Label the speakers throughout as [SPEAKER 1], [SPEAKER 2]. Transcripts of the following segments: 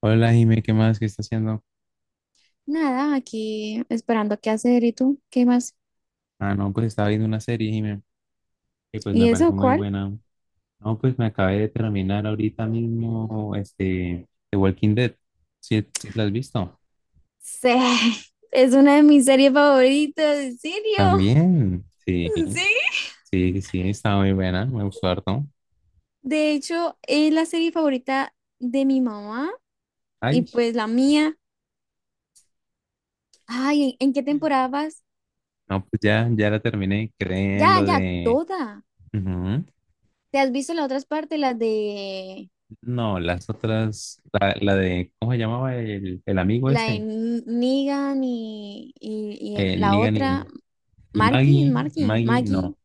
[SPEAKER 1] Hola, Jimé, ¿qué más? ¿Qué está haciendo?
[SPEAKER 2] Nada, aquí esperando qué hacer. ¿Y tú? ¿Qué más?
[SPEAKER 1] Ah, no, pues estaba viendo una serie, Jimé, que pues me
[SPEAKER 2] ¿Y eso
[SPEAKER 1] pareció muy
[SPEAKER 2] cuál?
[SPEAKER 1] buena. No, pues me acabé de terminar ahorita mismo, The Walking Dead. ¿Sí, sí la has visto?
[SPEAKER 2] Sí, es una de mis series favoritas, ¿en serio?
[SPEAKER 1] También, sí,
[SPEAKER 2] Sí.
[SPEAKER 1] sí, estaba muy buena, me gustó harto.
[SPEAKER 2] De hecho, es la serie favorita de mi mamá y
[SPEAKER 1] Ay,
[SPEAKER 2] pues la mía. Ay, ¿en qué temporada vas?
[SPEAKER 1] no, pues ya, ya la terminé, creen
[SPEAKER 2] Ya,
[SPEAKER 1] lo
[SPEAKER 2] ya,
[SPEAKER 1] de...
[SPEAKER 2] toda.
[SPEAKER 1] Ujú.
[SPEAKER 2] ¿Te has visto las otras partes, las de
[SPEAKER 1] No, las otras, la de, ¿cómo se llamaba el amigo
[SPEAKER 2] la de
[SPEAKER 1] ese?
[SPEAKER 2] Negan y, y
[SPEAKER 1] El
[SPEAKER 2] la
[SPEAKER 1] Negan
[SPEAKER 2] otra,
[SPEAKER 1] y Maggie,
[SPEAKER 2] Marky,
[SPEAKER 1] Maggie,
[SPEAKER 2] Maggie?
[SPEAKER 1] no.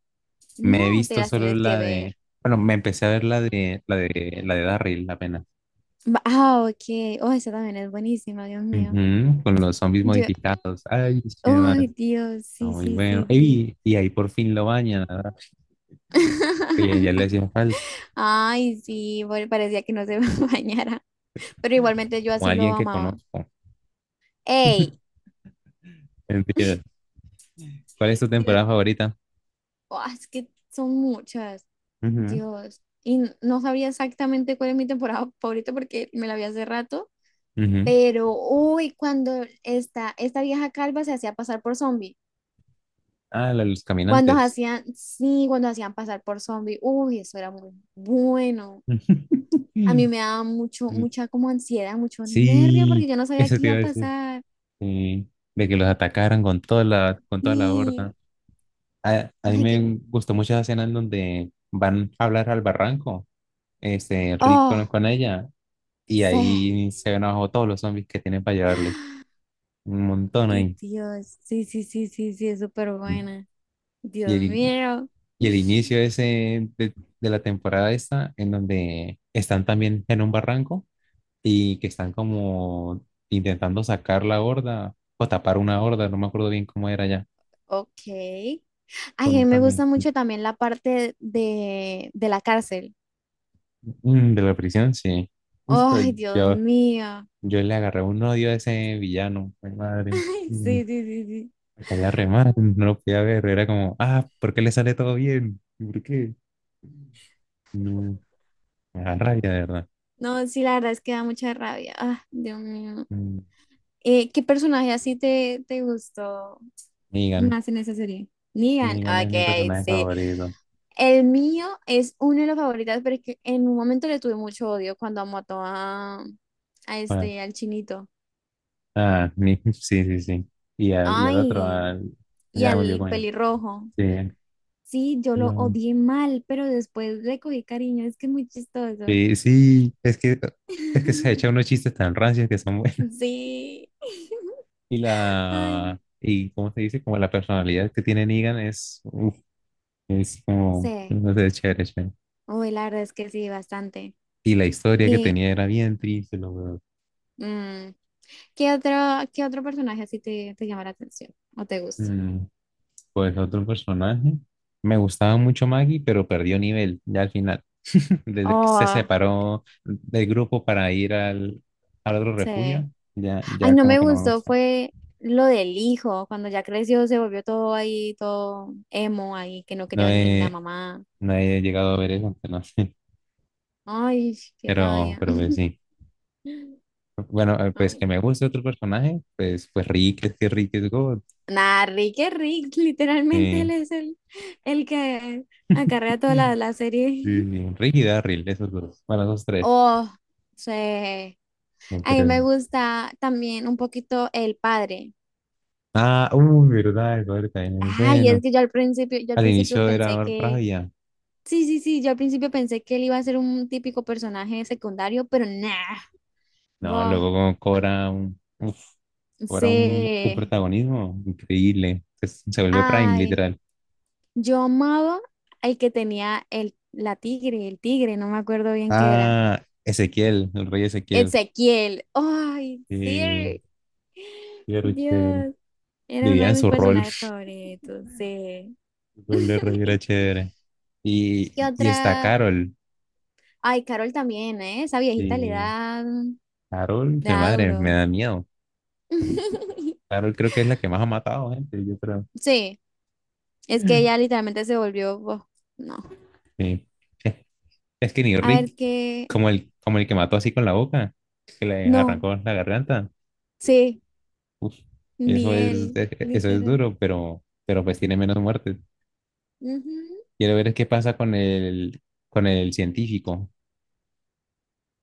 [SPEAKER 1] Me he
[SPEAKER 2] No, te
[SPEAKER 1] visto
[SPEAKER 2] las
[SPEAKER 1] solo
[SPEAKER 2] tienes que
[SPEAKER 1] la de,
[SPEAKER 2] ver.
[SPEAKER 1] bueno, me empecé a ver la de Daryl apenas.
[SPEAKER 2] Ah, ok. Oh, esa también es buenísima, Dios mío.
[SPEAKER 1] Ujú, con los zombies
[SPEAKER 2] Yo,
[SPEAKER 1] modificados. Ay, qué más.
[SPEAKER 2] ay,
[SPEAKER 1] Está
[SPEAKER 2] Dios, sí,
[SPEAKER 1] muy
[SPEAKER 2] sí,
[SPEAKER 1] bueno.
[SPEAKER 2] sí, sí.
[SPEAKER 1] Ey, y ahí por fin lo bañan, ¿verdad? Que ya le hacía falta,
[SPEAKER 2] Ay, sí, bueno, parecía que no se bañara, pero igualmente yo
[SPEAKER 1] como
[SPEAKER 2] así lo
[SPEAKER 1] alguien que
[SPEAKER 2] amaba.
[SPEAKER 1] conozco.
[SPEAKER 2] ¡Ey!
[SPEAKER 1] Entiendo. ¿Cuál es tu temporada
[SPEAKER 2] Dios,
[SPEAKER 1] favorita?
[SPEAKER 2] oh, es que son muchas.
[SPEAKER 1] Ujú,
[SPEAKER 2] Dios. Y no sabía exactamente cuál es mi temporada favorita porque me la vi hace rato,
[SPEAKER 1] ujú.
[SPEAKER 2] pero uy, cuando esta vieja calva se hacía pasar por zombie.
[SPEAKER 1] Ah, la de los
[SPEAKER 2] Cuando
[SPEAKER 1] caminantes.
[SPEAKER 2] hacían, sí, cuando hacían pasar por zombie, uy, eso era muy bueno. A mí me daba mucho, mucha como ansiedad, mucho nervio
[SPEAKER 1] Sí,
[SPEAKER 2] porque yo no sabía
[SPEAKER 1] eso
[SPEAKER 2] qué
[SPEAKER 1] te
[SPEAKER 2] iba
[SPEAKER 1] iba
[SPEAKER 2] a
[SPEAKER 1] a decir.
[SPEAKER 2] pasar.
[SPEAKER 1] Sí, de que los atacaran con con toda la
[SPEAKER 2] Y,
[SPEAKER 1] horda. A mí
[SPEAKER 2] ay, qué,
[SPEAKER 1] me gustó mucho esa escena en donde van a hablar al barranco, Rick
[SPEAKER 2] oh,
[SPEAKER 1] con ella, y
[SPEAKER 2] sí,
[SPEAKER 1] ahí se ven abajo todos los zombies que tienen para llevarles. Un montón
[SPEAKER 2] ay,
[SPEAKER 1] ahí.
[SPEAKER 2] Dios, sí, sí, sí, sí, sí, es súper buena.
[SPEAKER 1] Y
[SPEAKER 2] Dios mío.
[SPEAKER 1] el inicio ese de la temporada esta, en donde están también en un barranco y que están como intentando sacar la horda o tapar una horda, no me acuerdo bien cómo era ya,
[SPEAKER 2] Ok.
[SPEAKER 1] con
[SPEAKER 2] Ay,
[SPEAKER 1] un
[SPEAKER 2] a mí me gusta mucho
[SPEAKER 1] camioncito.
[SPEAKER 2] también la parte de la cárcel.
[SPEAKER 1] Mm, de la prisión, sí. Uy, pero
[SPEAKER 2] Ay, Dios
[SPEAKER 1] yo
[SPEAKER 2] mío.
[SPEAKER 1] yo le agarré un odio a ese villano, mi madre. Mm,
[SPEAKER 2] Sí, sí, sí, sí.
[SPEAKER 1] Me caía re mal, no lo podía ver. Era como, ah, ¿por qué le sale todo bien? ¿Por qué? No, me da rabia, de verdad.
[SPEAKER 2] No, sí, la verdad es que da mucha rabia. Ah, Dios mío.
[SPEAKER 1] Mm,
[SPEAKER 2] ¿Qué personaje así te, te gustó
[SPEAKER 1] Negan,
[SPEAKER 2] más en esa serie? Negan,
[SPEAKER 1] Negan es mi
[SPEAKER 2] ok,
[SPEAKER 1] personaje
[SPEAKER 2] sí.
[SPEAKER 1] favorito.
[SPEAKER 2] El mío es uno de los favoritos, pero es que en un momento le tuve mucho odio cuando mató a
[SPEAKER 1] Bueno,
[SPEAKER 2] este, al chinito.
[SPEAKER 1] sí, sí, sí. Y al otro,
[SPEAKER 2] Ay, y
[SPEAKER 1] ya me olvidé
[SPEAKER 2] al
[SPEAKER 1] con él.
[SPEAKER 2] pelirrojo.
[SPEAKER 1] Sí,
[SPEAKER 2] Sí, yo lo
[SPEAKER 1] no.
[SPEAKER 2] odié mal, pero después le cogí cariño, es que es muy chistoso.
[SPEAKER 1] Sí, sí, es que se echa unos chistes tan rancios que son buenos.
[SPEAKER 2] Sí.
[SPEAKER 1] Y
[SPEAKER 2] Ay,
[SPEAKER 1] y cómo se dice, como la personalidad que tiene Negan es, uff. Es como,
[SPEAKER 2] sí.
[SPEAKER 1] no sé, chévere, chévere.
[SPEAKER 2] Uy, la verdad es que sí, bastante.
[SPEAKER 1] Y la historia que
[SPEAKER 2] Y
[SPEAKER 1] tenía era bien triste, lo verdad.
[SPEAKER 2] mm, ¿qué otro, qué otro personaje así te, te llama la atención o te gusta?
[SPEAKER 1] Mm, pues otro personaje. Me gustaba mucho Maggie, pero perdió nivel ya al final. Desde que se
[SPEAKER 2] Oh,
[SPEAKER 1] separó del grupo para ir al otro
[SPEAKER 2] sí.
[SPEAKER 1] refugio, ya,
[SPEAKER 2] Ay,
[SPEAKER 1] ya
[SPEAKER 2] no
[SPEAKER 1] como
[SPEAKER 2] me
[SPEAKER 1] que no me
[SPEAKER 2] gustó,
[SPEAKER 1] gusta.
[SPEAKER 2] fue lo del hijo, cuando ya creció se volvió todo ahí, todo emo ahí, que no
[SPEAKER 1] No
[SPEAKER 2] quería ni la
[SPEAKER 1] he,
[SPEAKER 2] mamá.
[SPEAKER 1] no he llegado a ver eso, pero no sé.
[SPEAKER 2] Ay, qué rabia.
[SPEAKER 1] Pero pues sí. Bueno, pues que
[SPEAKER 2] Ay.
[SPEAKER 1] me guste otro personaje, pues, pues Rick, es que Rick es God.
[SPEAKER 2] Nah, Rick es Rick, literalmente
[SPEAKER 1] Eh,
[SPEAKER 2] él es el que acarrea toda la, la serie.
[SPEAKER 1] sí, sí, Rick y Darryl, esos dos. Bueno, esos tres.
[SPEAKER 2] Oh, sí. A
[SPEAKER 1] No
[SPEAKER 2] mí me
[SPEAKER 1] creo.
[SPEAKER 2] gusta también un poquito el padre.
[SPEAKER 1] Ah, uy, verdad, el padre también es
[SPEAKER 2] Ay, es
[SPEAKER 1] bueno.
[SPEAKER 2] que yo al
[SPEAKER 1] Al
[SPEAKER 2] principio
[SPEAKER 1] inicio
[SPEAKER 2] pensé
[SPEAKER 1] era
[SPEAKER 2] que,
[SPEAKER 1] rabia.
[SPEAKER 2] sí, sí, sí, yo al principio pensé que él iba a ser un típico personaje secundario, pero nah,
[SPEAKER 1] No,
[SPEAKER 2] boh,
[SPEAKER 1] luego como cobra un, uf, cobra un
[SPEAKER 2] sí.
[SPEAKER 1] protagonismo increíble. Se vuelve Prime,
[SPEAKER 2] Ay,
[SPEAKER 1] literal.
[SPEAKER 2] yo amaba el que tenía el, la tigre, el tigre, no me acuerdo bien qué era.
[SPEAKER 1] Ah, Ezequiel, el rey Ezequiel.
[SPEAKER 2] Ezequiel, ay,
[SPEAKER 1] Sí,
[SPEAKER 2] sí,
[SPEAKER 1] sí, era chévere.
[SPEAKER 2] Dios, era uno
[SPEAKER 1] Vivía
[SPEAKER 2] de
[SPEAKER 1] en
[SPEAKER 2] mis
[SPEAKER 1] su rol.
[SPEAKER 2] personajes favoritos, sí.
[SPEAKER 1] El rol de rey era chévere.
[SPEAKER 2] ¿Qué
[SPEAKER 1] Y está
[SPEAKER 2] otra?
[SPEAKER 1] Carol.
[SPEAKER 2] Ay, Carol también, ¿eh? Esa viejita
[SPEAKER 1] Sí,
[SPEAKER 2] le
[SPEAKER 1] Carol, mi
[SPEAKER 2] da
[SPEAKER 1] madre, me
[SPEAKER 2] duro.
[SPEAKER 1] da miedo. Carol creo que es la que más ha matado gente, yo creo.
[SPEAKER 2] Sí, es que ella literalmente se volvió, oh, no.
[SPEAKER 1] Sí. Es que ni
[SPEAKER 2] A ver
[SPEAKER 1] Rick.
[SPEAKER 2] qué,
[SPEAKER 1] Como como el que mató así con la boca, que le
[SPEAKER 2] no,
[SPEAKER 1] arrancó la garganta.
[SPEAKER 2] sí,
[SPEAKER 1] Uf,
[SPEAKER 2] ni
[SPEAKER 1] eso es,
[SPEAKER 2] él,
[SPEAKER 1] eso es
[SPEAKER 2] literal.
[SPEAKER 1] duro, pero pues tiene menos muertes.
[SPEAKER 2] Ujú.
[SPEAKER 1] Quiero ver qué pasa con con el científico,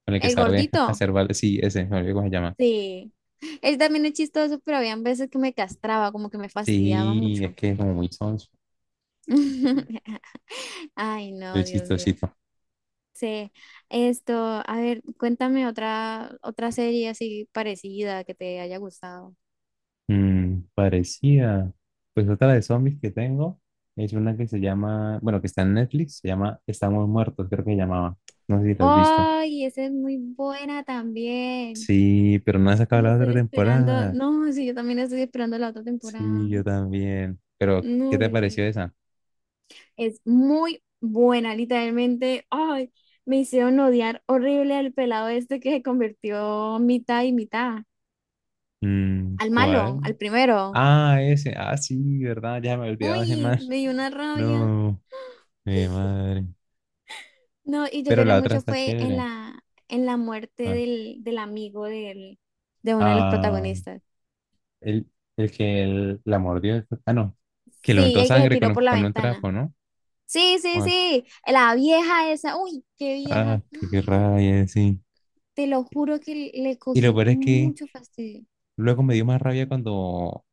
[SPEAKER 1] con el que
[SPEAKER 2] El
[SPEAKER 1] sabe
[SPEAKER 2] gordito,
[SPEAKER 1] hacer balas. Sí, ese, me olvidé cómo se llama.
[SPEAKER 2] sí. Él también es chistoso, pero habían veces que me castraba, como que me fastidiaba
[SPEAKER 1] Sí, es
[SPEAKER 2] mucho.
[SPEAKER 1] que es como muy sonso,
[SPEAKER 2] Ay, no,
[SPEAKER 1] muy
[SPEAKER 2] Dios mío.
[SPEAKER 1] chistosito.
[SPEAKER 2] Sí, esto, a ver, cuéntame otra, otra serie así parecida que te haya gustado.
[SPEAKER 1] Mm, parecía. Pues otra de zombies que tengo es una que se llama, bueno, que está en Netflix, se llama Estamos Muertos, creo que se llamaba. No sé si lo has visto.
[SPEAKER 2] Ay, esa es muy buena también.
[SPEAKER 1] Sí, pero no ha sacado
[SPEAKER 2] Yo
[SPEAKER 1] la otra
[SPEAKER 2] estoy esperando,
[SPEAKER 1] temporada.
[SPEAKER 2] no, sí, yo también estoy esperando la otra
[SPEAKER 1] Sí,
[SPEAKER 2] temporada.
[SPEAKER 1] yo también. Pero, ¿qué
[SPEAKER 2] No,
[SPEAKER 1] te
[SPEAKER 2] Dios
[SPEAKER 1] pareció
[SPEAKER 2] mío.
[SPEAKER 1] esa?
[SPEAKER 2] Es muy buena, literalmente. Ay, me hicieron odiar horrible al pelado este que se convirtió mitad y mitad.
[SPEAKER 1] Mm,
[SPEAKER 2] Al
[SPEAKER 1] ¿cuál?
[SPEAKER 2] malo, al primero.
[SPEAKER 1] Ah, ese. Ah, sí, ¿verdad? Ya me he olvidado de ese
[SPEAKER 2] Uy,
[SPEAKER 1] más.
[SPEAKER 2] me dio una rabia.
[SPEAKER 1] No, mi madre.
[SPEAKER 2] No, y yo
[SPEAKER 1] Pero
[SPEAKER 2] lloré
[SPEAKER 1] la otra
[SPEAKER 2] mucho
[SPEAKER 1] está
[SPEAKER 2] fue
[SPEAKER 1] chévere.
[SPEAKER 2] en la muerte
[SPEAKER 1] ¿Cuál?
[SPEAKER 2] del, del amigo del, de uno de los
[SPEAKER 1] Ah,
[SPEAKER 2] protagonistas.
[SPEAKER 1] el, el que la mordió. Ah, no. Que le
[SPEAKER 2] Sí,
[SPEAKER 1] untó
[SPEAKER 2] el que se
[SPEAKER 1] sangre
[SPEAKER 2] tiró por la
[SPEAKER 1] con un
[SPEAKER 2] ventana.
[SPEAKER 1] trapo, ¿no?
[SPEAKER 2] Sí, sí,
[SPEAKER 1] ¿Cuál?
[SPEAKER 2] sí. La vieja esa. Uy, qué
[SPEAKER 1] Ah,
[SPEAKER 2] vieja.
[SPEAKER 1] qué, qué rabia, sí.
[SPEAKER 2] Te lo juro que le
[SPEAKER 1] Y lo
[SPEAKER 2] cogí
[SPEAKER 1] peor es que
[SPEAKER 2] mucho fastidio.
[SPEAKER 1] luego me dio más rabia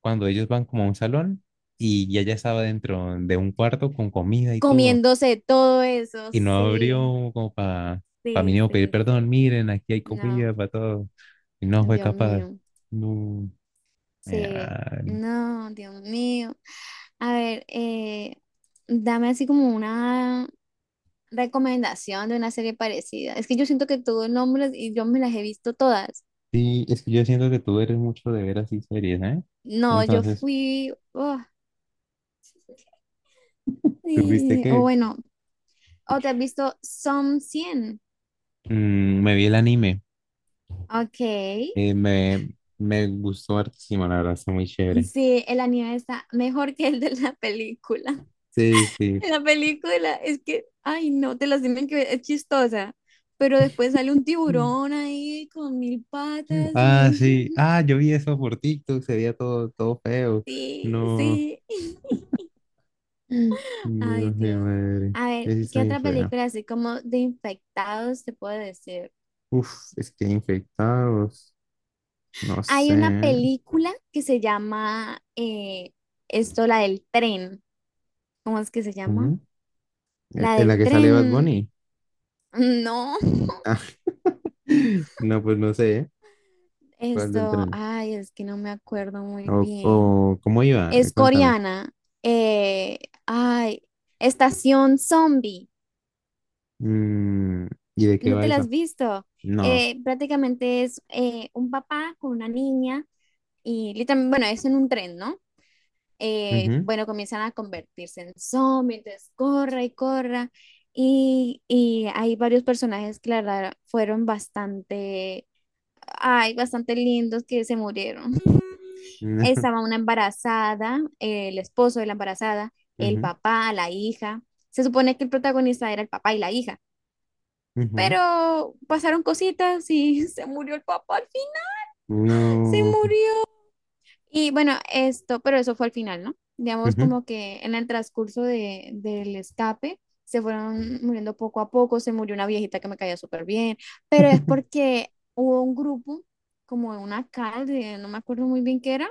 [SPEAKER 1] cuando ellos van como a un salón y ya estaba dentro de un cuarto con comida y todo.
[SPEAKER 2] Comiéndose todo eso,
[SPEAKER 1] Y no
[SPEAKER 2] sí,
[SPEAKER 1] abrió como para pa
[SPEAKER 2] sí,
[SPEAKER 1] mínimo pedir
[SPEAKER 2] sí,
[SPEAKER 1] perdón,
[SPEAKER 2] sí.
[SPEAKER 1] miren, aquí hay
[SPEAKER 2] No,
[SPEAKER 1] comida para todos. Y no fue
[SPEAKER 2] Dios
[SPEAKER 1] capaz.
[SPEAKER 2] mío,
[SPEAKER 1] No.
[SPEAKER 2] sí,
[SPEAKER 1] Vale.
[SPEAKER 2] no, Dios mío. A ver, dame así como una recomendación de una serie parecida. Es que yo siento que tuvo nombres y yo me las he visto todas.
[SPEAKER 1] Sí, es que yo siento que tú eres mucho de ver así series, ¿eh?
[SPEAKER 2] No, yo
[SPEAKER 1] Entonces,
[SPEAKER 2] fui... oh,
[SPEAKER 1] tuviste
[SPEAKER 2] sí, o
[SPEAKER 1] que
[SPEAKER 2] bueno, o te has visto Som 100.
[SPEAKER 1] mm, me vi el anime.
[SPEAKER 2] Ok.
[SPEAKER 1] eh, me, me gustó hartísimo, la verdad, está muy chévere.
[SPEAKER 2] Sí, el anime está mejor que el de la película.
[SPEAKER 1] Sí, sí.
[SPEAKER 2] En la película es que, ay no, te las tienen que ver, es chistosa. Pero después sale un
[SPEAKER 1] Mm.
[SPEAKER 2] tiburón ahí con mil patas
[SPEAKER 1] Ah, sí.
[SPEAKER 2] y
[SPEAKER 1] Ah, yo vi eso por TikTok, se veía todo, todo feo.
[SPEAKER 2] sí,
[SPEAKER 1] No.
[SPEAKER 2] sí.
[SPEAKER 1] Mm. No,
[SPEAKER 2] Ay
[SPEAKER 1] qué
[SPEAKER 2] Dios.
[SPEAKER 1] madre.
[SPEAKER 2] A ver,
[SPEAKER 1] Eso está
[SPEAKER 2] ¿qué
[SPEAKER 1] bien
[SPEAKER 2] otra
[SPEAKER 1] feo.
[SPEAKER 2] película así como de infectados te puedo decir?
[SPEAKER 1] Uf, es que infectados, no
[SPEAKER 2] Hay
[SPEAKER 1] sé.
[SPEAKER 2] una
[SPEAKER 1] ¿Eh?
[SPEAKER 2] película que se llama esto, la del tren. ¿Cómo es que se llama?
[SPEAKER 1] ¿Mm?
[SPEAKER 2] La
[SPEAKER 1] ¿En la
[SPEAKER 2] del
[SPEAKER 1] que sale Bad
[SPEAKER 2] tren.
[SPEAKER 1] Bunny?
[SPEAKER 2] No,
[SPEAKER 1] Ah, no, pues no sé, ¿eh? ¿Cuál del
[SPEAKER 2] esto,
[SPEAKER 1] tren?
[SPEAKER 2] ay, es que no me acuerdo muy bien.
[SPEAKER 1] O cómo iba?
[SPEAKER 2] Es
[SPEAKER 1] Cuéntame.
[SPEAKER 2] coreana. eh, ay, Estación Zombie.
[SPEAKER 1] Mm, ¿y de qué
[SPEAKER 2] ¿No
[SPEAKER 1] va
[SPEAKER 2] te la has
[SPEAKER 1] eso?
[SPEAKER 2] visto?
[SPEAKER 1] No.
[SPEAKER 2] Prácticamente es un papá con una niña y literalmente, bueno, es en un tren, ¿no?
[SPEAKER 1] Ujú,
[SPEAKER 2] Bueno, comienzan a convertirse en zombies entonces corra y corra. Y hay varios personajes que la verdad fueron bastante, ay, bastante lindos que se murieron.
[SPEAKER 1] no.
[SPEAKER 2] Estaba una embarazada, el esposo de la embarazada, el
[SPEAKER 1] Ujú,
[SPEAKER 2] papá, la hija. Se supone que el protagonista era el papá y la hija,
[SPEAKER 1] ujú,
[SPEAKER 2] pero pasaron cositas y se murió el papá al fin, se
[SPEAKER 1] no.
[SPEAKER 2] murió. Y bueno, esto, pero eso fue al final, ¿no? Digamos
[SPEAKER 1] Ujú,
[SPEAKER 2] como que en el transcurso de, del escape se fueron muriendo poco a poco, se murió una viejita que me caía súper bien, pero es porque hubo un grupo como de una calle, no me acuerdo muy bien qué era,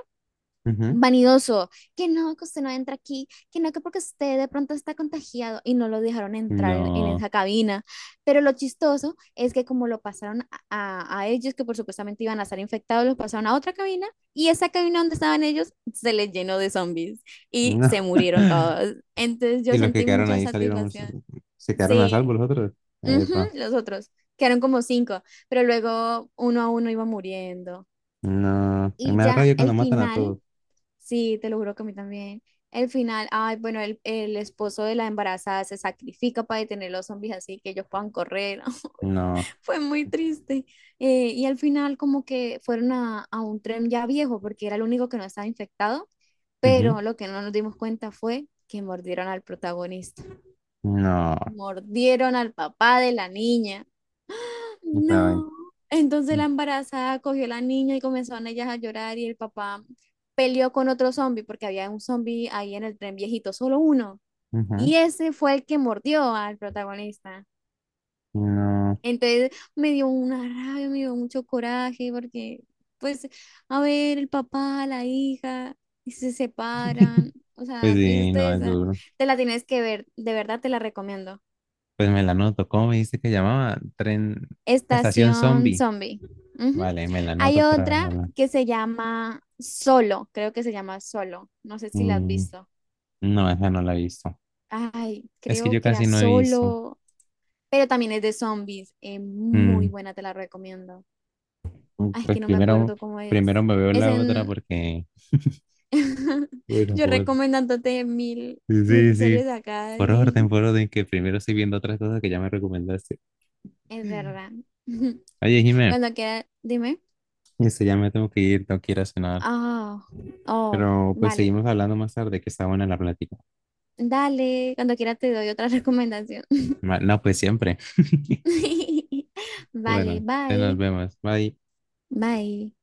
[SPEAKER 1] ujú,
[SPEAKER 2] vanidoso, que no, que usted no entra aquí, que no, que porque usted de pronto está contagiado y no lo dejaron entrar en
[SPEAKER 1] no.
[SPEAKER 2] esa cabina. Pero lo chistoso es que como lo pasaron a, a ellos, que por supuestamente iban a estar infectados, los pasaron a otra cabina y esa cabina donde estaban ellos se les llenó de zombies y
[SPEAKER 1] No.
[SPEAKER 2] se murieron todos. Entonces
[SPEAKER 1] Y
[SPEAKER 2] yo
[SPEAKER 1] los que
[SPEAKER 2] sentí
[SPEAKER 1] quedaron
[SPEAKER 2] mucha
[SPEAKER 1] ahí salieron,
[SPEAKER 2] satisfacción.
[SPEAKER 1] se quedaron a salvo
[SPEAKER 2] Sí,
[SPEAKER 1] los otros.
[SPEAKER 2] ujú,
[SPEAKER 1] Epa.
[SPEAKER 2] los otros. Quedaron como 5, pero luego uno a uno iba muriendo.
[SPEAKER 1] No.
[SPEAKER 2] Y
[SPEAKER 1] Me da
[SPEAKER 2] ya
[SPEAKER 1] rabia cuando
[SPEAKER 2] el
[SPEAKER 1] matan a
[SPEAKER 2] final
[SPEAKER 1] todos.
[SPEAKER 2] sí, te lo juro que a mí también. El final, ay, bueno, el esposo de la embarazada se sacrifica para detener los zombies así que ellos puedan correr.
[SPEAKER 1] No.
[SPEAKER 2] Fue muy triste. Y al final como que fueron a un tren ya viejo porque era el único que no estaba infectado, pero lo que no nos dimos cuenta fue que mordieron al protagonista.
[SPEAKER 1] No,
[SPEAKER 2] Mordieron al papá de la niña.
[SPEAKER 1] claro.
[SPEAKER 2] No. Entonces la embarazada cogió a la niña y comenzaron ellas a llorar y el papá peleó con otro zombie porque había un zombie ahí en el tren viejito, solo uno.
[SPEAKER 1] Ujú,
[SPEAKER 2] Y ese fue el que mordió al protagonista.
[SPEAKER 1] no,
[SPEAKER 2] Entonces me dio una rabia, me dio mucho coraje porque, pues, a ver, el papá, la hija, y se separan, o
[SPEAKER 1] pues
[SPEAKER 2] sea,
[SPEAKER 1] sí, no es
[SPEAKER 2] tristeza.
[SPEAKER 1] duro.
[SPEAKER 2] Te la tienes que ver, de verdad te la recomiendo.
[SPEAKER 1] Pues me la noto. ¿Cómo me dice que llamaba? Tren, estación
[SPEAKER 2] Estación
[SPEAKER 1] zombie.
[SPEAKER 2] Zombie. Ujú.
[SPEAKER 1] Vale, me la
[SPEAKER 2] Hay
[SPEAKER 1] noto por
[SPEAKER 2] otra
[SPEAKER 1] haberla.
[SPEAKER 2] que se llama Solo, creo que se llama Solo. No sé si la has
[SPEAKER 1] Mm,
[SPEAKER 2] visto.
[SPEAKER 1] no, esa no la he visto.
[SPEAKER 2] Ay,
[SPEAKER 1] Es que
[SPEAKER 2] creo
[SPEAKER 1] yo
[SPEAKER 2] que era
[SPEAKER 1] casi no he visto.
[SPEAKER 2] Solo, pero también es de zombies. Muy
[SPEAKER 1] Mm,
[SPEAKER 2] buena, te la recomiendo. Ay, es
[SPEAKER 1] pues
[SPEAKER 2] que no me
[SPEAKER 1] primero,
[SPEAKER 2] acuerdo cómo
[SPEAKER 1] primero
[SPEAKER 2] es.
[SPEAKER 1] me veo
[SPEAKER 2] Es
[SPEAKER 1] la otra
[SPEAKER 2] en...
[SPEAKER 1] porque. Bueno,
[SPEAKER 2] Yo
[SPEAKER 1] pues.
[SPEAKER 2] recomendándote
[SPEAKER 1] Sí, sí,
[SPEAKER 2] mil
[SPEAKER 1] sí.
[SPEAKER 2] series acá y...
[SPEAKER 1] Por orden, que primero estoy viendo otras cosas que ya me recomendaste.
[SPEAKER 2] Es verdad.
[SPEAKER 1] Oye, Jimé,
[SPEAKER 2] Cuando quieras, dime.
[SPEAKER 1] eso ya me tengo que ir, no quiero cenar.
[SPEAKER 2] Ah, oh,
[SPEAKER 1] Pero pues
[SPEAKER 2] vale.
[SPEAKER 1] seguimos hablando más tarde, que está buena la plática.
[SPEAKER 2] Dale, cuando quieras te doy otra recomendación.
[SPEAKER 1] No, pues siempre.
[SPEAKER 2] Vale,
[SPEAKER 1] Bueno, te nos
[SPEAKER 2] bye,
[SPEAKER 1] vemos. Bye.
[SPEAKER 2] bye.